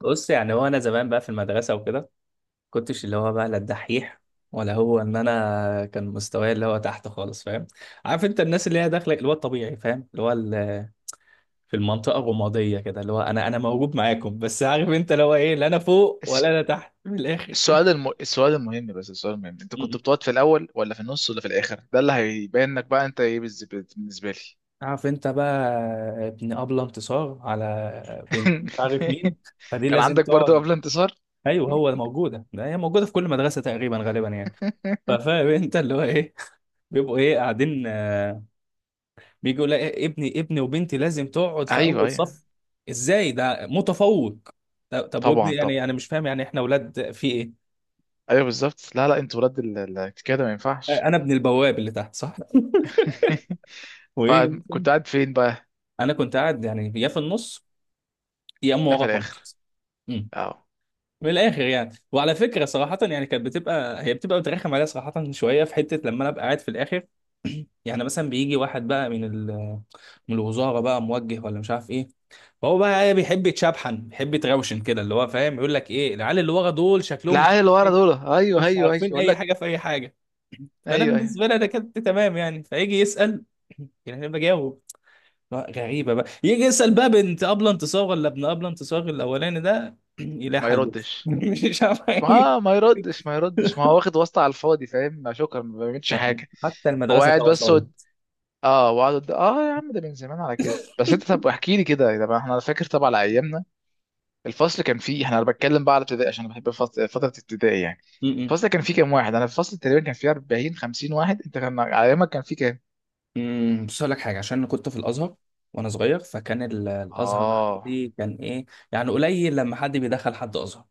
بص، يعني هو انا زمان بقى في المدرسه وكده، كنتش اللي هو بقى لا الدحيح، ولا هو ان انا كان مستواي اللي هو تحت خالص، فاهم؟ عارف انت الناس اللي هي داخله اللي هو الطبيعي، فاهم؟ اللي هو في المنطقه الرماديه كده، اللي هو انا موجود معاكم، بس عارف انت اللي هو ايه؟ لا انا فوق الس- ولا انا تحت، من الاخر. السؤال السؤال المهم بس السؤال المهم انت كنت م-م. بتقعد في الاول ولا في النص ولا في الاخر؟ ده اللي هيبين لك بقى انت ايه. بالنسبه لي. عارف انت بقى؟ ابن ابله انتصار على بنت مش عارف مين، فدي كان لازم عندك برضو تقعد. قبل انتصار؟ ايوه، هو موجوده ده هي موجوده في كل مدرسه تقريبا غالبا يعني. ففاهم انت اللي هو ايه؟ بيبقوا ايه قاعدين. بيجي يقول لي ابني وبنتي لازم تقعد في ايوه اول ايوه. صف. ازاي؟ ده متفوق. طب طب، وابني طبعا يعني؟ طبعا. انا مش فاهم يعني احنا اولاد في ايه؟ ايوه بالظبط، لا لا، انت ولاد كده ما ينفعش. انا ابن البواب اللي تحت صح. وايه مثلاً؟ فكنت قاعد فين بقى؟ انا كنت قاعد يعني، يا في النص يا اما ده في ورا الاخر؟ خالص. أمم. اه. من الاخر يعني. وعلى فكره، صراحه يعني كانت بتبقى هي بتبقى بترخم عليا، صراحه شويه، في حته لما انا ابقى قاعد في الاخر. يعني مثلا بيجي واحد بقى من من الوزاره، بقى موجه ولا مش عارف ايه. فهو بقى ايه، بيحب يتشبحن، بيحب يتروشن كده، اللي هو فاهم، يقول لك ايه، العيال اللي ورا دول شكلهم مش العيال اللي ورا دول ايوه مش ايوه ايوه عارفين اقول اي لك. حاجه في اي حاجه. فانا ايوه ايوه. بالنسبه لي، انا كنت تمام يعني. فيجي يسال، يعني انا بجاوب. لا، غريبه بقى، يجي يسال بقى بنت ابله انتصار ولا ابن ابله انتصار الاولاني ده، يلاقي ما حلوف. يردش. مش عارف حاجه. ما يردش ما يردش، ما هو واخد واسطة على الفاضي، فاهم؟ شكرا، ما بيعملش لا، حاجة. حتى هو المدرسه فيها قاعد بس وسايط. اه، وقعد اه. يا عم ده من زمان على كده. بس انت طب احكي لي كده. طب احنا فاكر طبعا على ايامنا الفصل كان فيه، احنا انا بتكلم بقى على ابتدائي عشان انا بحب فترة ابتدائي يعني. م-م. الفصل كان فيه كام واحد؟ انا في الفصل تقريبا كان فيه 40 50 واحد. انت كان على ايامك كان فيه كام؟ بص اقول لك حاجه، عشان انا كنت في الازهر وانا صغير، فكان الازهر اه. عندي كان ايه يعني؟ قليل لما حد بيدخل حد ازهر.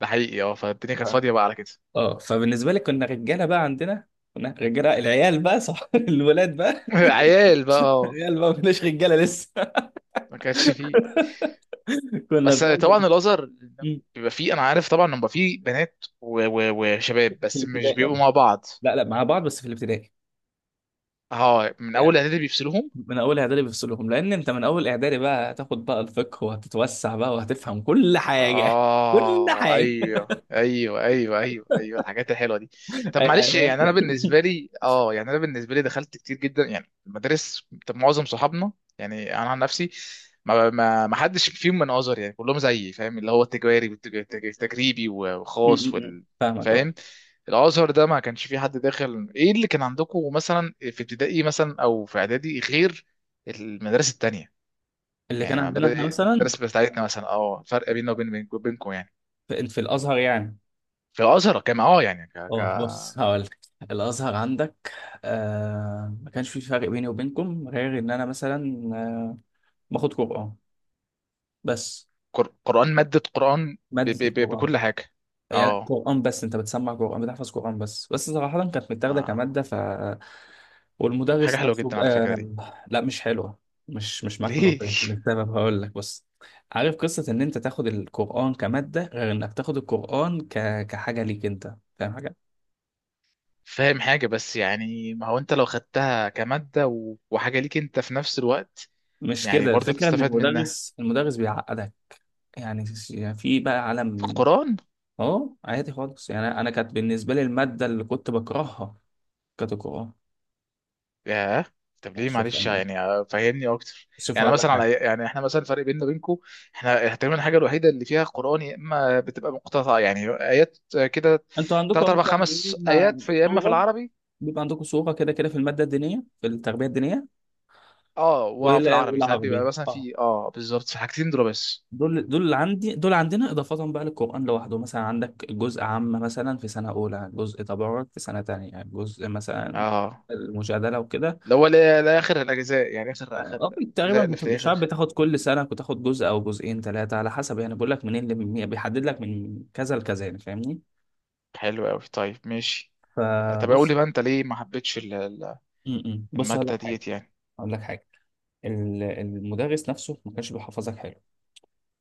ده حقيقي اه. فالدنيا كانت اه. فاضية بقى على كده. اه، فبالنسبه لي كنا رجاله بقى، عندنا كنا رجاله، العيال بقى صح. الولاد بقى. عيال بقى، اه. العيال بقى، ما كناش رجاله لسه. ما كانش فيه. كنا بس بنعمل. طبعا الازهر مم. بيبقى فيه، انا عارف طبعا إن بيبقى فيه بنات وشباب، في بس الابتدائي مش بيبقوا يلا. مع بعض. لا لا، مع بعض بس في الابتدائي اه، من يعني. اول اعدادي بيفصلوهم. من اول اعدادي بيفصلهم، لان انت من اول اعدادي بقى هتاخد بقى الفقه، وهتتوسع بقى، وهتفهم كل حاجه. كل اه حاجه. ايوه ايوه ايوه ايوه ايوه، الحاجات الحلوه دي. طب معلش، ايوه. يعني انا بالنسبه لي، اه يعني انا بالنسبه لي دخلت كتير جدا يعني المدارس. طب معظم صحابنا يعني انا عن نفسي ما حدش فيهم من ازهر، يعني كلهم زيي فاهم اللي هو التجاري والتجريبي مم، وخاص مم، مم. وال، فاهمك، اه. فاهم. الازهر ده ما كانش فيه حد داخل. ايه اللي كان عندكم مثلا في ابتدائي مثلا او في اعدادي غير المدارس التانية؟ اللي كان يعني ما عندنا احنا بدأ مثلا، الدرس بتاعتنا مثلا، اه، فرق بيننا وبين بينكم يعني. في الازهر يعني. في الازهر كان اه يعني اه، بص هقولك، الازهر عندك، ما كانش في فرق بيني وبينكم، غير ان انا مثلا باخد قران بس، قرآن، مادة قرآن. ماده القران. بكل حاجة، يعني اه. قران بس، انت بتسمع قران، بتحفظ قران، بس صراحه كانت متاخده اه كماده. ف، حاجة والمدرس حلوة نفسه جدا على فكرة دي. لا، مش حلوه. مش معاك في ليه؟ النقطه دي، للسبب هقول لك. بص، عارف قصه ان انت تاخد القران كماده غير انك تاخد القران كحاجه ليك انت، فاهم حاجه؟ فاهم حاجة. بس يعني ما هو انت لو خدتها كمادة وحاجة ليك انت في نفس الوقت، مش يعني كده برضه الفكره، ان تستفاد منها. المدرس بيعقدك يعني. في بقى في عالم القرآن. اه عادي خالص يعني. انا كانت بالنسبه لي الماده اللي كنت بكرهها كانت القران. ياه. طب يعني ليه؟ شوف، معلش امان يعني، آه، فهمني اكتر. شوف يعني هقول لك مثلا حاجه. على، يعني احنا مثلا الفرق بيننا وبينكم، احنا تقريبا الحاجه الوحيده اللي فيها قران يا اما بتبقى مقتطعه يعني ايات، آه، كده انتوا ثلاث عندكم اربع مثلا إيه، خمس ايات في، يا اما في صوره؟ العربي، بيبقى عندكم صوره كده كده في الماده الدينيه، في التربيه الدينيه اه. وفي العربي ساعات بيبقى والعربي، مثلا اه. في اه بالظبط، في حاجتين دول بس. دول اللي عندي، دول عندنا اضافه بقى للقران لوحده. مثلا عندك جزء عامه مثلا في سنه اولى، جزء تبارك في سنه تانية، جزء مثلا اه، المجادله وكده. اللي هو لاخر الاجزاء يعني اخر اخر اه تقريبا، الاجزاء، اللي في مش عارف، الاخر. بتاخد كل سنه، بتاخد جزء او جزئين ثلاثه على حسب يعني. بقول لك منين اللي بيحدد لك من كذا لكذا يعني، فاهمني؟ حلو قوي، طيب ماشي. طب قول فبص. لي بقى انت ليه ما حبيتش م- م. بص هقول لك الماده حاجه، ديت يعني. هقول لك حاجه المدرس نفسه ما كانش بيحفظك حلو،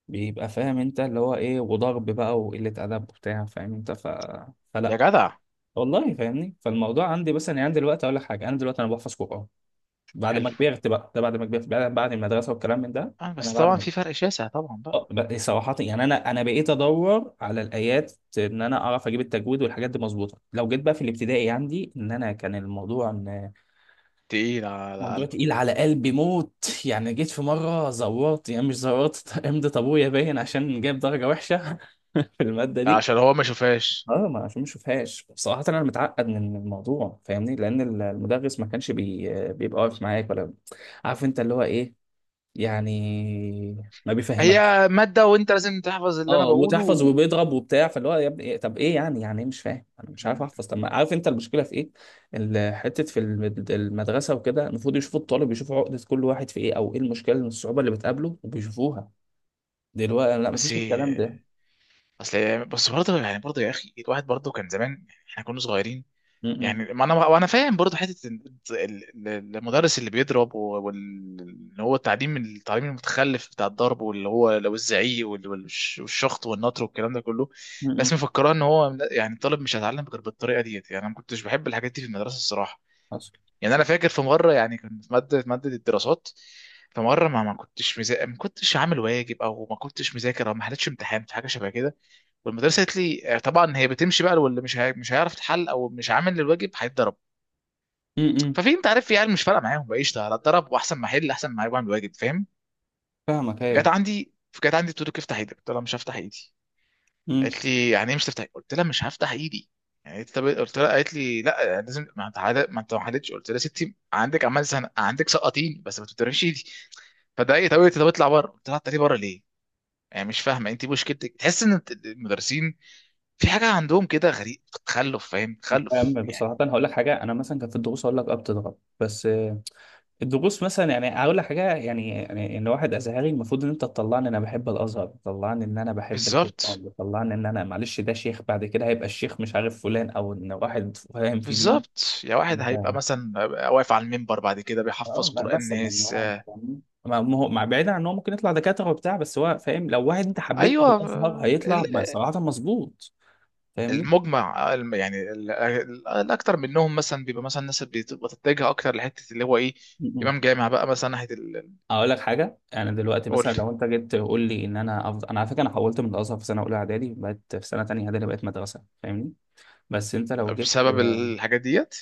بيبقى فاهم انت اللي هو ايه، وضرب بقى، وقله ادب وبتاع، فاهم انت؟ يا فلا جدع. والله، فاهمني؟ فالموضوع عندي، بس انا عندي دلوقتي اقول لك حاجه، انا دلوقتي انا بحفظ قران بعد ما حلو. كبرت بقى، ده بعد ما كبرت بعد المدرسه والكلام من ده. اه انا بس بعد طبعا ما في فرق شاسع طبعا بقى. صراحة يعني، أنا بقيت أدور على الآيات، إن أنا أعرف أجيب التجويد والحاجات دي مظبوطة. لو جيت بقى في الابتدائي عندي، إن أنا كان الموضوع إن تقيل على موضوع قلبك؟ تقيل على قلبي موت. يعني جيت في مرة زورت، يعني مش زورت، امضي أبويا باين، عشان جايب درجة وحشة في المادة دي. عشان هو ما شافهاش. اه، ما عشان ما اشوفهاش، بصراحة انا متعقد من الموضوع، فاهمني؟ لان المدرس ما كانش بيبقى واقف معاك، ولا عارف انت اللي هو ايه، يعني ما بيفهمكش. هي مادة وانت لازم تحفظ اللي انا اه، وتحفظ، بقوله. وبيضرب وبتاع. فاللي هو يا ابني إيه؟ طب ايه يعني؟ يعني ايه مش فاهم؟ انا مش عارف احفظ، مم. طب ما عارف انت المشكله في ايه. حته في المدرسه وكده المفروض يشوفوا الطالب، يشوفوا عقده كل واحد في ايه، او ايه المشكله من الصعوبه اللي بتقابله، وبيشوفوها. دلوقتي لا، بس مفيش الكلام ده. اصل، بس برضه يعني، برضه يا اخي، الواحد برضه كان زمان، يعني احنا كنا صغيرين. امم. يعني ما انا وانا فاهم برضه حته المدرس اللي بيضرب واللي هو التعليم، التعليم المتخلف بتاع الضرب، واللي هو لو الزعيق والشخط والنطر والكلام ده كله. بس امم. مفكراه ان هو يعني الطالب مش هيتعلم غير بالطريقه ديت. يعني انا ما كنتش بحب الحاجات دي في المدرسه الصراحه. حصل. يعني انا فاكر في مره، يعني كنت في ماده، ماده الدراسات. في مره ما ما كنتش عامل واجب او ما كنتش مذاكر او ما حلتش امتحان في حاجه شبه كده. والمدرسه قالت لي، آه، طبعا هي بتمشي بقى واللي مش هيعرف يتحل او مش عامل الواجب هيتضرب. امم. ففي، انت عارف، في عيال مش فارقه معاهم بقى، قشطه هتضرب، واحسن ما احل، احسن ما اعمل واجب، فاهم. فاهمك، جت ايوه. عندي جت عندي بتقول لك افتح ايدك، قلت لها مش هفتح ايدي. امم. قالت لي يعني ايه مش تفتح؟ قلت لها مش هفتح ايدي. يعني قالت، طب قلت لها، قالت لي لا يعني لازم، ما انت ما انت ما حلتش. قلت لها يا ستي عندك عمال زهق، عندك سقطيني بس ما تفتحيش ايدي. فضايقت قوي، طب اطلع بره. قلت لها اطلعي بره ليه؟ يعني مش فاهمه انت مشكلتك، تحس ان المدرسين في حاجه عندهم كده غريب، تخلف، فاهم، تخلف فاهم يعني. بصراحه. أنا هقول لك حاجه، انا مثلا كان في الدروس اقول لك، بتضرب بس. الدروس مثلا، يعني هقول لك حاجه يعني ان واحد ازهري، المفروض ان انت تطلعني ان انا بحب الازهر، تطلعني ان انا بحب بالظبط، القران، تطلعني ان انا معلش ده شيخ بعد كده، هيبقى الشيخ مش عارف فلان، او ان واحد فاهم في دينه. بالظبط. يا واحد انت هيبقى مثلا واقف على المنبر بعد كده بيحفظ اه، لا قرآن مثلا، ناس، يعني فاهمني؟ ما هو مع بعيد عن ان هو ممكن يطلع دكاتره وبتاع، بس هو فاهم، لو واحد انت حببته في ايوه. الازهر هيطلع صراحه مظبوط، فاهمني؟ المجمع، آه، يعني الاكتر منهم مثلا بيبقى مثلا الناس اللي بتبقى تتجه اكتر لحته اللي هو ايه، م- م. امام جامع بقى مثلا ناحيه اقول لك حاجه، انا دلوقتي قول. مثلا لو انت جيت تقول لي ان انا انا على فكره انا حولت من الازهر في سنه اولى اعدادي، بقت في سنه تانيه اعدادي، بقت مدرسه، فاهمني؟ بس انت لو جيت بسبب الحاجات ديت.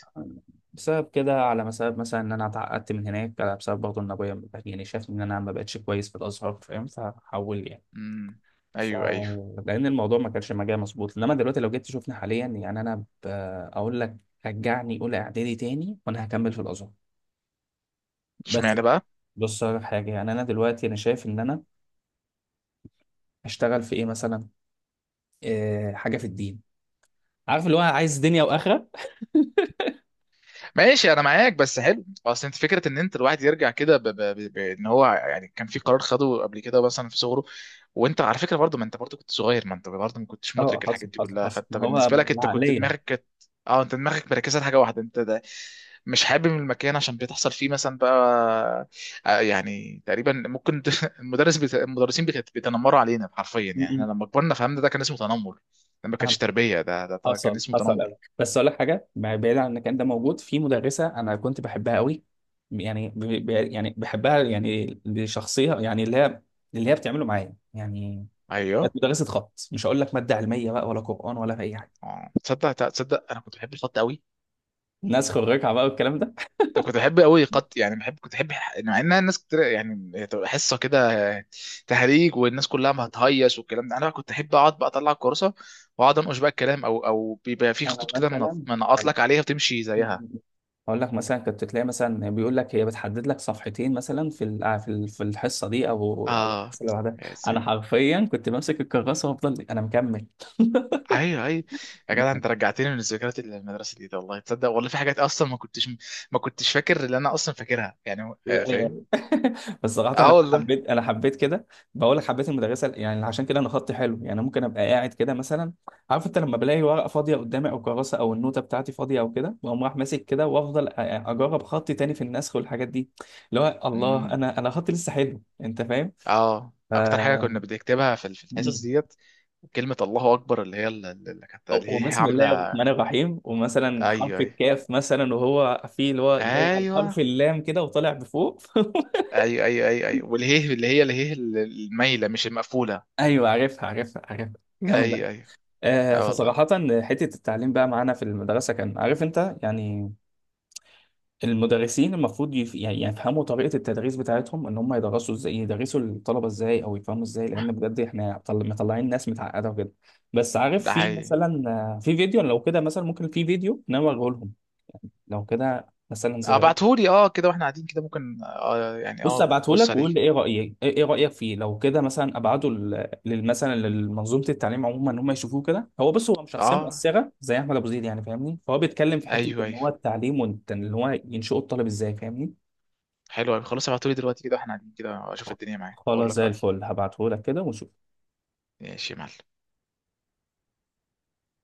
بسبب كده، على بسبب مثلا ان انا اتعقدت من هناك، على بسبب برضه ان ابويا يعني شافني ان انا ما بقتش كويس في الازهر، فاهم؟ فحول يعني. امم. ف، ايوه ايوه. لان الموضوع ما كانش مجال مظبوط، انما دلوقتي لو جيت تشوفني حاليا يعني انا اقول لك، رجعني اولى اعدادي تاني وانا هكمل في الازهر، بس. اشمعنى بقى؟ بص على حاجه يعني، انا دلوقتي انا شايف ان انا اشتغل في ايه مثلا، إيه حاجه في الدين. عارف اللي هو عايز دنيا واخره. ماشي انا معاك. بس حلو اصل انت، فكره ان انت الواحد يرجع كده بان هو يعني كان في قرار خده قبل كده مثلا في صغره. وانت على فكره برضه، ما انت برضه كنت صغير، ما انت برضه ما كنتش اه، مدرك الحاجات حصل دي حصل كلها، حصل، فانت ما هو بالنسبه لك انت كنت العقليه. دماغك كانت، اه، انت دماغك مركزه لحاجه واحده، انت ده مش حابب المكان عشان بتحصل فيه مثلا بقى، آه، يعني تقريبا ممكن. المدرسين بيتنمروا علينا حرفيا، م- يعني احنا م. لما كبرنا فهمنا ده كان اسمه تنمر. ده ما كانش فاهمك. تربيه، ده ده, ده كان حصل اسمه حصل تنمر. قوي، بس اقول لك حاجه، بعيد عن المكان ده، موجود في مدرسه انا كنت بحبها قوي. يعني يعني بحبها يعني لشخصيه يعني، اللي هي بتعمله معايا يعني. ايوه. كانت مدرسه خط، مش هقول لك ماده علميه بقى، ولا قران ولا اي حاجه، اه تصدق، تصدق انا كنت بحب الخط قوي. ناس خريجه بقى والكلام ده. ده كنت بحب قوي خط، يعني بحب، كنت بحب مع انها الناس كتير يعني تبقى حصه كده تهريج والناس كلها ما هتهيص والكلام ده، انا بقى كنت احب اقعد بقى اطلع الكراسه واقعد انقش بقى الكلام، او او بيبقى في انا خطوط كده مثلا منقط هقول لك عليها وتمشي زيها. هقول لك مثلا، كنت تلاقي مثلا بيقول لك، هي بتحدد لك صفحتين مثلا في في الحصه دي او اه. الحصه اللي بعدها. يا انا سي- حرفيا كنت بمسك الكراسه وافضل انا مكمل. ايوه ايوه. يا جدع انت رجعتني من الذكريات اللي من المدرسه دي، ده والله تصدق، والله في حاجات اصلا ما كنتش، ما كنتش فاكر اللي انا اصلا فاكرها يعني، آه، لا فاهم. يعني. بس صراحة اه والله. انا حبيت كده. بقول لك حبيت المدرسة يعني، عشان كده انا خطي حلو يعني، ممكن ابقى قاعد كده مثلا. عارف انت، لما بلاقي ورقة فاضية قدامي، او كراسة، او النوتة بتاعتي فاضية او كده، واقوم رايح ماسك كده، وافضل اجرب خطي تاني في النسخ والحاجات دي، اللي هو الله، امم. انا خطي لسه حلو، انت فاهم؟ اه ف... اكتر حاجه كنا بنكتبها في في الحصص مم. ديت كلمه الله اكبر، اللي هي اللي كانت اللي هي وبسم الله عامله. الرحمن الرحيم، ومثلا ايوه حرف ايوه الكاف مثلا، وهو فيه اللي هو جاي على ايوه حرف اللام كده وطالع بفوق. ايوه ايوه ايوه ايوه. والهيه اللي هي، اللي هي المايله مش المقفوله. ايوه عارفها عارفها عارفها، جامد. ايوه ايوه. اه والله. فصراحة حتة التعليم بقى معانا في المدرسة، كان عارف انت يعني المدرسين المفروض يعني يفهموا طريقة التدريس بتاعتهم، ان هم يدرسوا ازاي، يدرسوا الطلبة ازاي، او يفهموا ازاي، لان بجد احنا مطلعين ناس متعقدة وكده. بس عارف، ده في حقيقي. مثلا في فيديو لو كده مثلا، ممكن في فيديو ان انا اوريه لهم، لو كده مثلا اه زي، بعتهولي اه كده واحنا قاعدين كده، ممكن اه يعني بص اه ابعته لك بص عليه. وقول لي ايه رايك، ايه إيه رايك فيه لو كده مثلا، ابعته مثلا لمنظومه التعليم عموما، ان هم يشوفوه كده. هو بص، هو مش شخصيه اه مؤثره زي احمد ابو زيد يعني، فاهمني؟ فهو بيتكلم في حته ايوه ان ايوه. هو التعليم، وان هو ينشئوا الطالب ازاي، فاهمني؟ حلو أوي. خلاص ابعتهولي دلوقتي كده واحنا قاعدين كده اشوف الدنيا معايا واقول خلاص لك زي رايي. الفل، هبعته لك كده ونشوف. ماشي يا معلم.